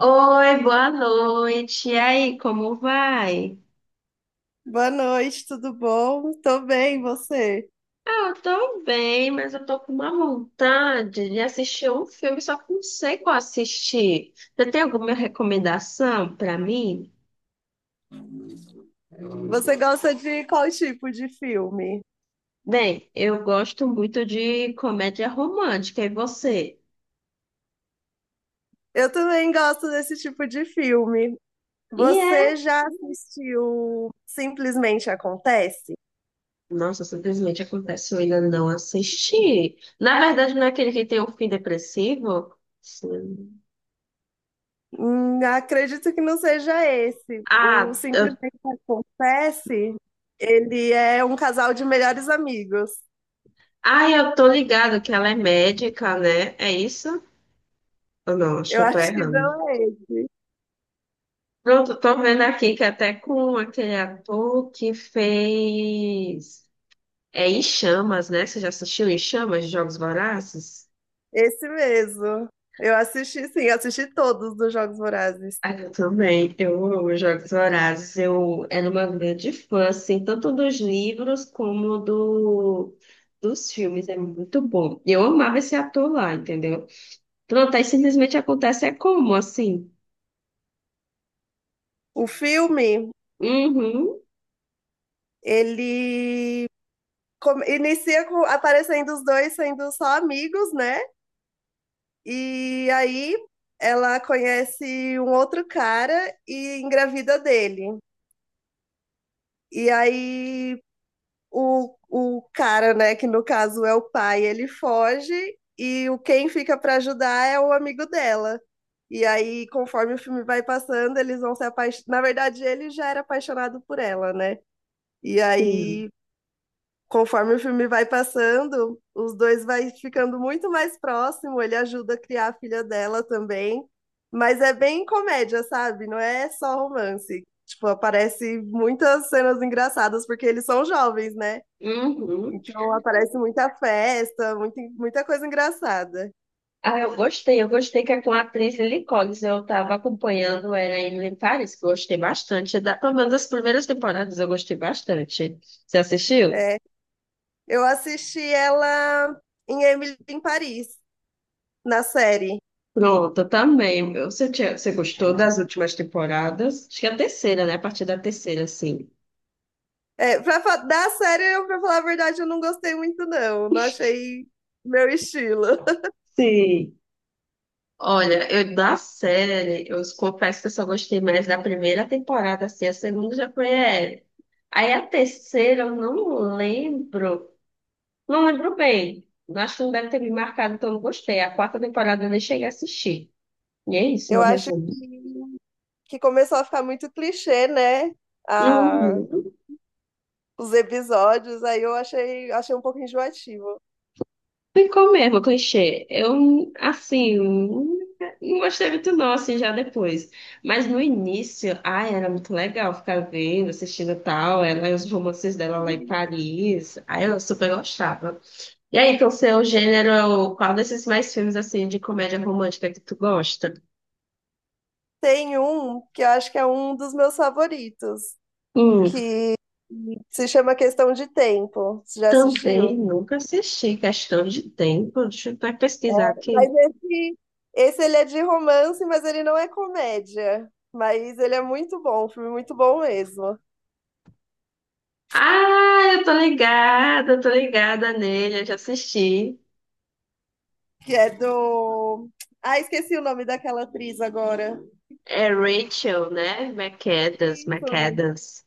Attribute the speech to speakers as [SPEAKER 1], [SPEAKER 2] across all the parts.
[SPEAKER 1] Oi, boa noite. E aí, como vai?
[SPEAKER 2] Boa noite, tudo bom? Tô bem, você?
[SPEAKER 1] Ah, eu tô bem, mas eu tô com uma vontade de assistir um filme, só que não sei qual assistir. Você tem alguma recomendação pra mim?
[SPEAKER 2] Você gosta de qual tipo de filme?
[SPEAKER 1] Bem, eu gosto muito de comédia romântica, e você?
[SPEAKER 2] Eu também gosto desse tipo de filme.
[SPEAKER 1] E é?
[SPEAKER 2] Você já assistiu Simplesmente Acontece?
[SPEAKER 1] Nossa, simplesmente acontece, eu ainda não assisti. Na verdade, não é aquele que tem um fim depressivo? Sim.
[SPEAKER 2] Acredito que não seja esse. O
[SPEAKER 1] Ah,
[SPEAKER 2] Simplesmente Acontece, ele é um casal de melhores amigos.
[SPEAKER 1] eu tô ligado que ela é médica, né? É isso? Ah, não, acho que
[SPEAKER 2] Eu
[SPEAKER 1] eu tô
[SPEAKER 2] acho que
[SPEAKER 1] errando.
[SPEAKER 2] não é esse.
[SPEAKER 1] Pronto, tô vendo aqui que até com aquele ator que fez. É Em Chamas, né? Você já assistiu Em Chamas, Jogos Vorazes?
[SPEAKER 2] Esse mesmo. Eu assisti, sim, assisti todos dos Jogos Vorazes.
[SPEAKER 1] Ah, eu também. Eu amo Jogos Vorazes. Eu era uma grande fã, assim, tanto dos livros como dos filmes. É muito bom. E eu amava esse ator lá, entendeu? Pronto, aí simplesmente acontece é como, assim?
[SPEAKER 2] O filme.
[SPEAKER 1] Uhum,
[SPEAKER 2] Ele inicia aparecendo os dois sendo só amigos, né? E aí ela conhece um outro cara e engravida dele. E aí o cara, né, que no caso é o pai, ele foge e o quem fica para ajudar é o amigo dela. E aí, conforme o filme vai passando, eles vão se apaixonar. Na verdade, ele já era apaixonado por ela, né? E
[SPEAKER 1] sim.
[SPEAKER 2] aí conforme o filme vai passando, os dois vai ficando muito mais próximo, ele ajuda a criar a filha dela também, mas é bem comédia, sabe? Não é só romance. Tipo, aparece muitas cenas engraçadas porque eles são jovens, né?
[SPEAKER 1] Uhum.
[SPEAKER 2] Então aparece muita festa, muita, muita coisa engraçada.
[SPEAKER 1] Ah, eu gostei que é com a atriz Lily Collins. Eu estava acompanhando ela em Paris, que eu gostei bastante. É da, pelo menos das primeiras temporadas eu gostei bastante. Você assistiu?
[SPEAKER 2] É, eu assisti ela em Emily em Paris, na série.
[SPEAKER 1] Pronto, eu também. Você, você gostou das últimas temporadas? Acho que é a terceira, né? A partir da terceira, sim.
[SPEAKER 2] É, da série, eu, pra falar a verdade, eu não gostei muito, não. Não achei meu estilo.
[SPEAKER 1] Sim. Olha, eu da série, eu confesso que eu só gostei mais da primeira temporada, assim, a segunda já foi. É. Aí a terceira eu não lembro. Não lembro bem. Acho que não deve ter me marcado, então não gostei. A quarta temporada eu nem cheguei a assistir. E é isso,
[SPEAKER 2] Eu
[SPEAKER 1] meu
[SPEAKER 2] acho
[SPEAKER 1] resumo.
[SPEAKER 2] que, começou a ficar muito clichê, né? A,
[SPEAKER 1] Uhum.
[SPEAKER 2] os episódios, aí eu achei um pouco enjoativo.
[SPEAKER 1] Ficou mesmo, clichê. Eu, assim, não gostei muito não, assim, já depois. Mas no início, ai, era muito legal ficar vendo, assistindo e tal. Ela e os romances dela lá em Paris. Aí eu super gostava. E aí, então, seu gênero, qual desses mais filmes, assim, de comédia romântica que tu gosta?
[SPEAKER 2] Tem um que eu acho que é um dos meus favoritos, que se chama Questão de Tempo. Você já
[SPEAKER 1] Também
[SPEAKER 2] assistiu?
[SPEAKER 1] nunca assisti Questão de Tempo. Deixa eu até pesquisar aqui.
[SPEAKER 2] Mas esse ele é de romance, mas ele não é comédia. Mas ele é muito bom, um filme muito bom mesmo.
[SPEAKER 1] Ah, eu tô ligada nele, eu já assisti.
[SPEAKER 2] Que é do. Ah, esqueci o nome daquela atriz agora.
[SPEAKER 1] É Rachel, né? McAdams,
[SPEAKER 2] Isso,
[SPEAKER 1] McAdams.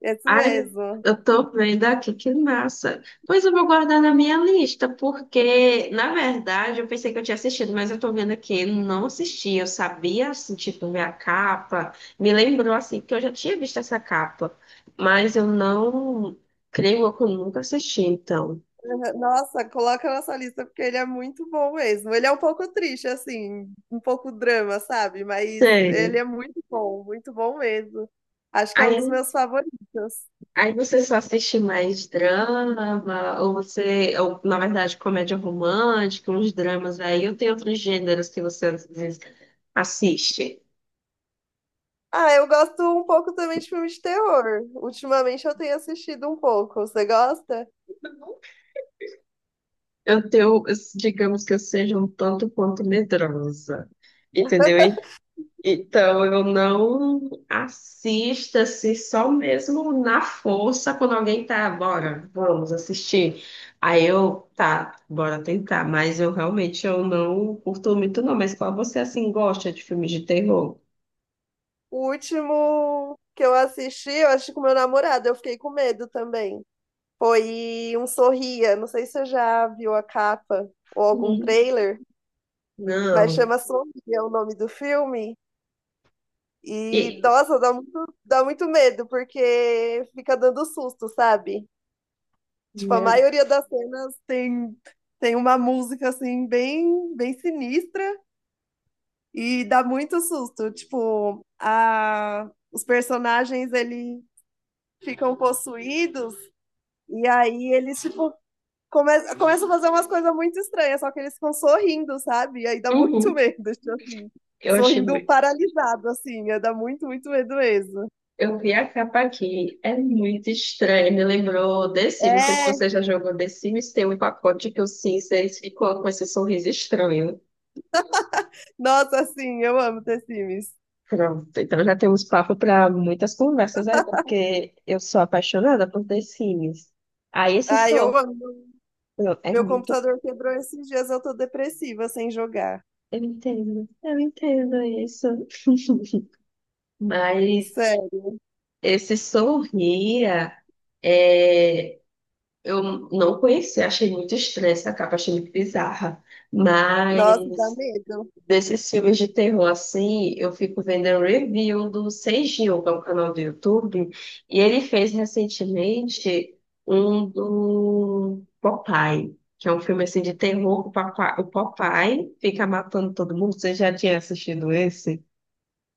[SPEAKER 2] isso
[SPEAKER 1] Ai,
[SPEAKER 2] mesmo.
[SPEAKER 1] eu tô vendo aqui, que massa. Pois eu vou guardar na minha lista, porque, na verdade, eu pensei que eu tinha assistido, mas eu tô vendo aqui, não assisti. Eu sabia, assim, tipo, ver a capa. Me lembrou, assim, que eu já tinha visto essa capa, mas eu não creio que eu nunca assisti, então.
[SPEAKER 2] Aham, nossa, coloca na sua lista porque ele é muito bom mesmo. Ele é um pouco triste, assim, um pouco drama, sabe? Mas ele
[SPEAKER 1] Sério.
[SPEAKER 2] é muito bom mesmo. Acho que é um dos meus favoritos.
[SPEAKER 1] Aí você só assiste mais drama, ou você, ou, na verdade, comédia romântica, uns dramas aí, ou tem outros gêneros que você às vezes assiste.
[SPEAKER 2] Ah, eu gosto um pouco também de filme de terror. Ultimamente eu tenho assistido um pouco. Você gosta?
[SPEAKER 1] Eu tenho, digamos que eu seja um tanto quanto medrosa, entendeu? Então, eu não assisto assim, só mesmo na força, quando alguém tá, bora, vamos assistir. Aí eu, tá, bora tentar, mas eu realmente eu não curto muito não, mas qual você assim gosta de filmes de terror?
[SPEAKER 2] O último que eu assisti, eu acho que com meu namorado, eu fiquei com medo também. Foi um Sorria. Não sei se você já viu a capa ou algum
[SPEAKER 1] Hum.
[SPEAKER 2] trailer. Mas
[SPEAKER 1] Não.
[SPEAKER 2] chama Sombria o nome do filme. E,
[SPEAKER 1] E,
[SPEAKER 2] nossa, dá muito medo, porque fica dando susto, sabe? Tipo, a
[SPEAKER 1] meu,
[SPEAKER 2] maioria das cenas tem uma música, assim, bem, bem sinistra e dá muito susto. Tipo, os personagens, eles ficam possuídos e aí eles, tipo, começa a fazer umas coisas muito estranhas, só que eles ficam sorrindo, sabe? E aí dá muito
[SPEAKER 1] uhum.
[SPEAKER 2] medo, tipo assim.
[SPEAKER 1] Eu achei
[SPEAKER 2] Sorrindo
[SPEAKER 1] muito.
[SPEAKER 2] paralisado, assim, é, dá muito, muito medo mesmo.
[SPEAKER 1] Eu vi a capa aqui, é muito estranho, me lembrou The Sims, não sei se
[SPEAKER 2] É,
[SPEAKER 1] você já jogou The Sims, tem um pacote que o Sims, eles ficam com esse sorriso estranho.
[SPEAKER 2] nossa, assim, eu amo The Sims.
[SPEAKER 1] Pronto, então já temos papo para muitas conversas aí, porque eu sou apaixonada por The Sims. Aí esse
[SPEAKER 2] Ai, eu
[SPEAKER 1] sou.
[SPEAKER 2] amo.
[SPEAKER 1] É
[SPEAKER 2] Meu
[SPEAKER 1] muito.
[SPEAKER 2] computador quebrou esses dias, eu tô depressiva sem jogar.
[SPEAKER 1] Eu entendo isso. Mas
[SPEAKER 2] Sério.
[SPEAKER 1] esse Sorria, é, eu não conheci achei muito estranha essa capa, achei muito bizarra.
[SPEAKER 2] Nossa, dá
[SPEAKER 1] Mas
[SPEAKER 2] medo.
[SPEAKER 1] desses filmes de terror assim, eu fico vendo um review do Seijinho, que é um canal do YouTube, e ele fez recentemente um do Popeye, que é um filme assim de terror, que o Popeye fica matando todo mundo. Você já tinha assistido esse?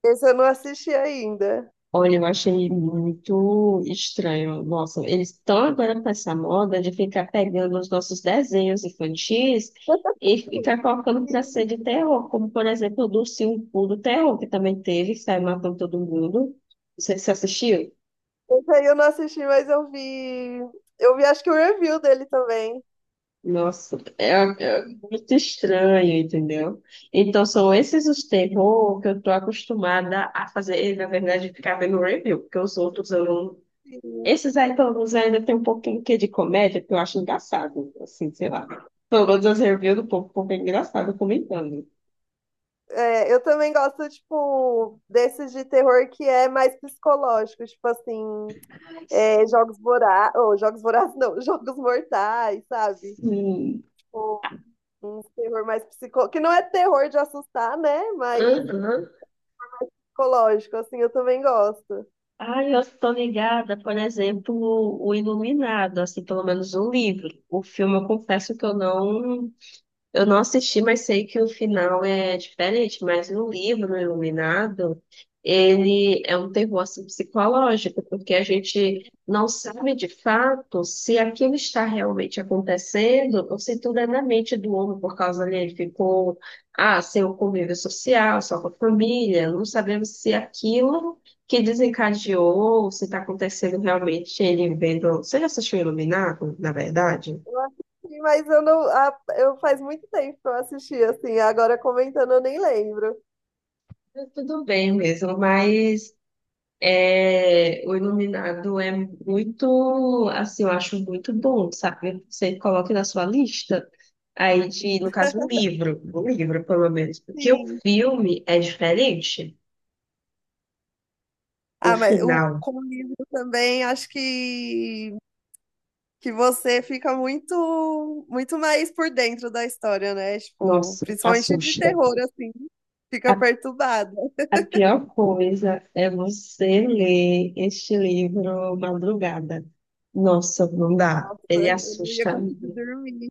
[SPEAKER 2] Esse eu não assisti ainda.
[SPEAKER 1] Olha, eu achei muito estranho. Nossa, eles estão agora com essa moda de ficar pegando os nossos desenhos infantis e ficar colocando para
[SPEAKER 2] Sim,
[SPEAKER 1] ser de terror, como por exemplo o do Ursinho Poo do Terror, que também teve, que saiu matando todo mundo. Você assistiu?
[SPEAKER 2] esse aí eu não assisti, mas eu vi. Eu vi, acho que o review dele também.
[SPEAKER 1] Nossa, é muito estranho, entendeu? Então são esses os terror que eu tô acostumada a fazer, e, na verdade, ficar vendo review, porque os outros eu não.
[SPEAKER 2] Sim.
[SPEAKER 1] Esses aí, pelo menos, ainda tem um pouquinho que de comédia, que eu acho engraçado, assim, sei lá. Pelo menos as reviews do povo, o bem engraçado comentando.
[SPEAKER 2] É, eu também gosto, tipo, desses de terror que é mais psicológico, tipo assim,
[SPEAKER 1] Ai,
[SPEAKER 2] é,
[SPEAKER 1] sim.
[SPEAKER 2] Jogos Vorazes, ou Jogos Vorazes não, Jogos Mortais, sabe?
[SPEAKER 1] Sim.
[SPEAKER 2] Tipo, um terror mais psicológico, que não é terror de assustar, né? Mas
[SPEAKER 1] Aham.
[SPEAKER 2] psicológico, assim, eu também gosto.
[SPEAKER 1] Ai, eu tô ligada, por exemplo, o Iluminado, assim, pelo menos o livro. O filme, eu confesso que eu não. Eu não assisti, mas sei que o final é diferente. Mas no livro Iluminado, ele é um terror assim, psicológico, porque a gente não sabe de fato se aquilo está realmente acontecendo ou se tudo é na mente do homem, por causa dele ele ficou sem o convívio social, só com a família. Não sabemos se aquilo que desencadeou, se está acontecendo realmente ele vendo. Você já assistiu Iluminado, na verdade?
[SPEAKER 2] Eu assisti, mas eu não, ah, eu faz muito tempo que eu assisti, assim, agora comentando eu nem lembro.
[SPEAKER 1] Tudo bem mesmo, mas é, o Iluminado é muito, assim, eu acho muito bom, sabe? Você coloca na sua lista, aí de, no caso, um livro, pelo menos, porque o
[SPEAKER 2] Sim.
[SPEAKER 1] filme é diferente. O
[SPEAKER 2] Ah, mas
[SPEAKER 1] final,
[SPEAKER 2] com o livro também, acho que você fica muito muito mais por dentro da história, né? Tipo,
[SPEAKER 1] nossa,
[SPEAKER 2] principalmente de
[SPEAKER 1] assusta.
[SPEAKER 2] terror, assim,
[SPEAKER 1] A,
[SPEAKER 2] fica perturbada.
[SPEAKER 1] a pior coisa é você ler este livro madrugada. Nossa, não dá.
[SPEAKER 2] Nossa,
[SPEAKER 1] Ele
[SPEAKER 2] eu não ia
[SPEAKER 1] assusta.
[SPEAKER 2] conseguir dormir.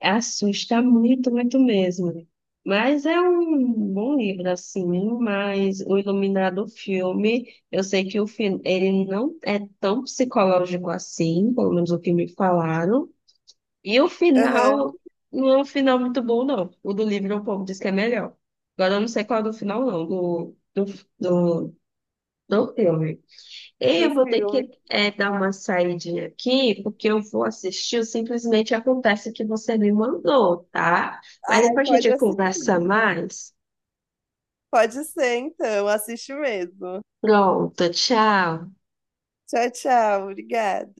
[SPEAKER 1] Assusta muito, muito mesmo. Mas é um bom livro, assim, mas o Iluminado filme, eu sei que o filme, ele não é tão psicológico assim, pelo menos o que me falaram. E o
[SPEAKER 2] Aham,
[SPEAKER 1] final não é um final muito bom, não. O do livro o povo diz que é melhor. Agora eu não sei qual é do final, não, do, do filme.
[SPEAKER 2] do
[SPEAKER 1] Eu vou ter
[SPEAKER 2] filme.
[SPEAKER 1] que dar uma saidinha aqui, porque eu vou assistir o Simplesmente Acontece que você me mandou, tá? Mas
[SPEAKER 2] Ai,
[SPEAKER 1] depois a
[SPEAKER 2] pode
[SPEAKER 1] gente conversa
[SPEAKER 2] assistir.
[SPEAKER 1] mais.
[SPEAKER 2] Pode ser, então, assiste mesmo.
[SPEAKER 1] Pronto, tchau.
[SPEAKER 2] Tchau, tchau. Obrigada.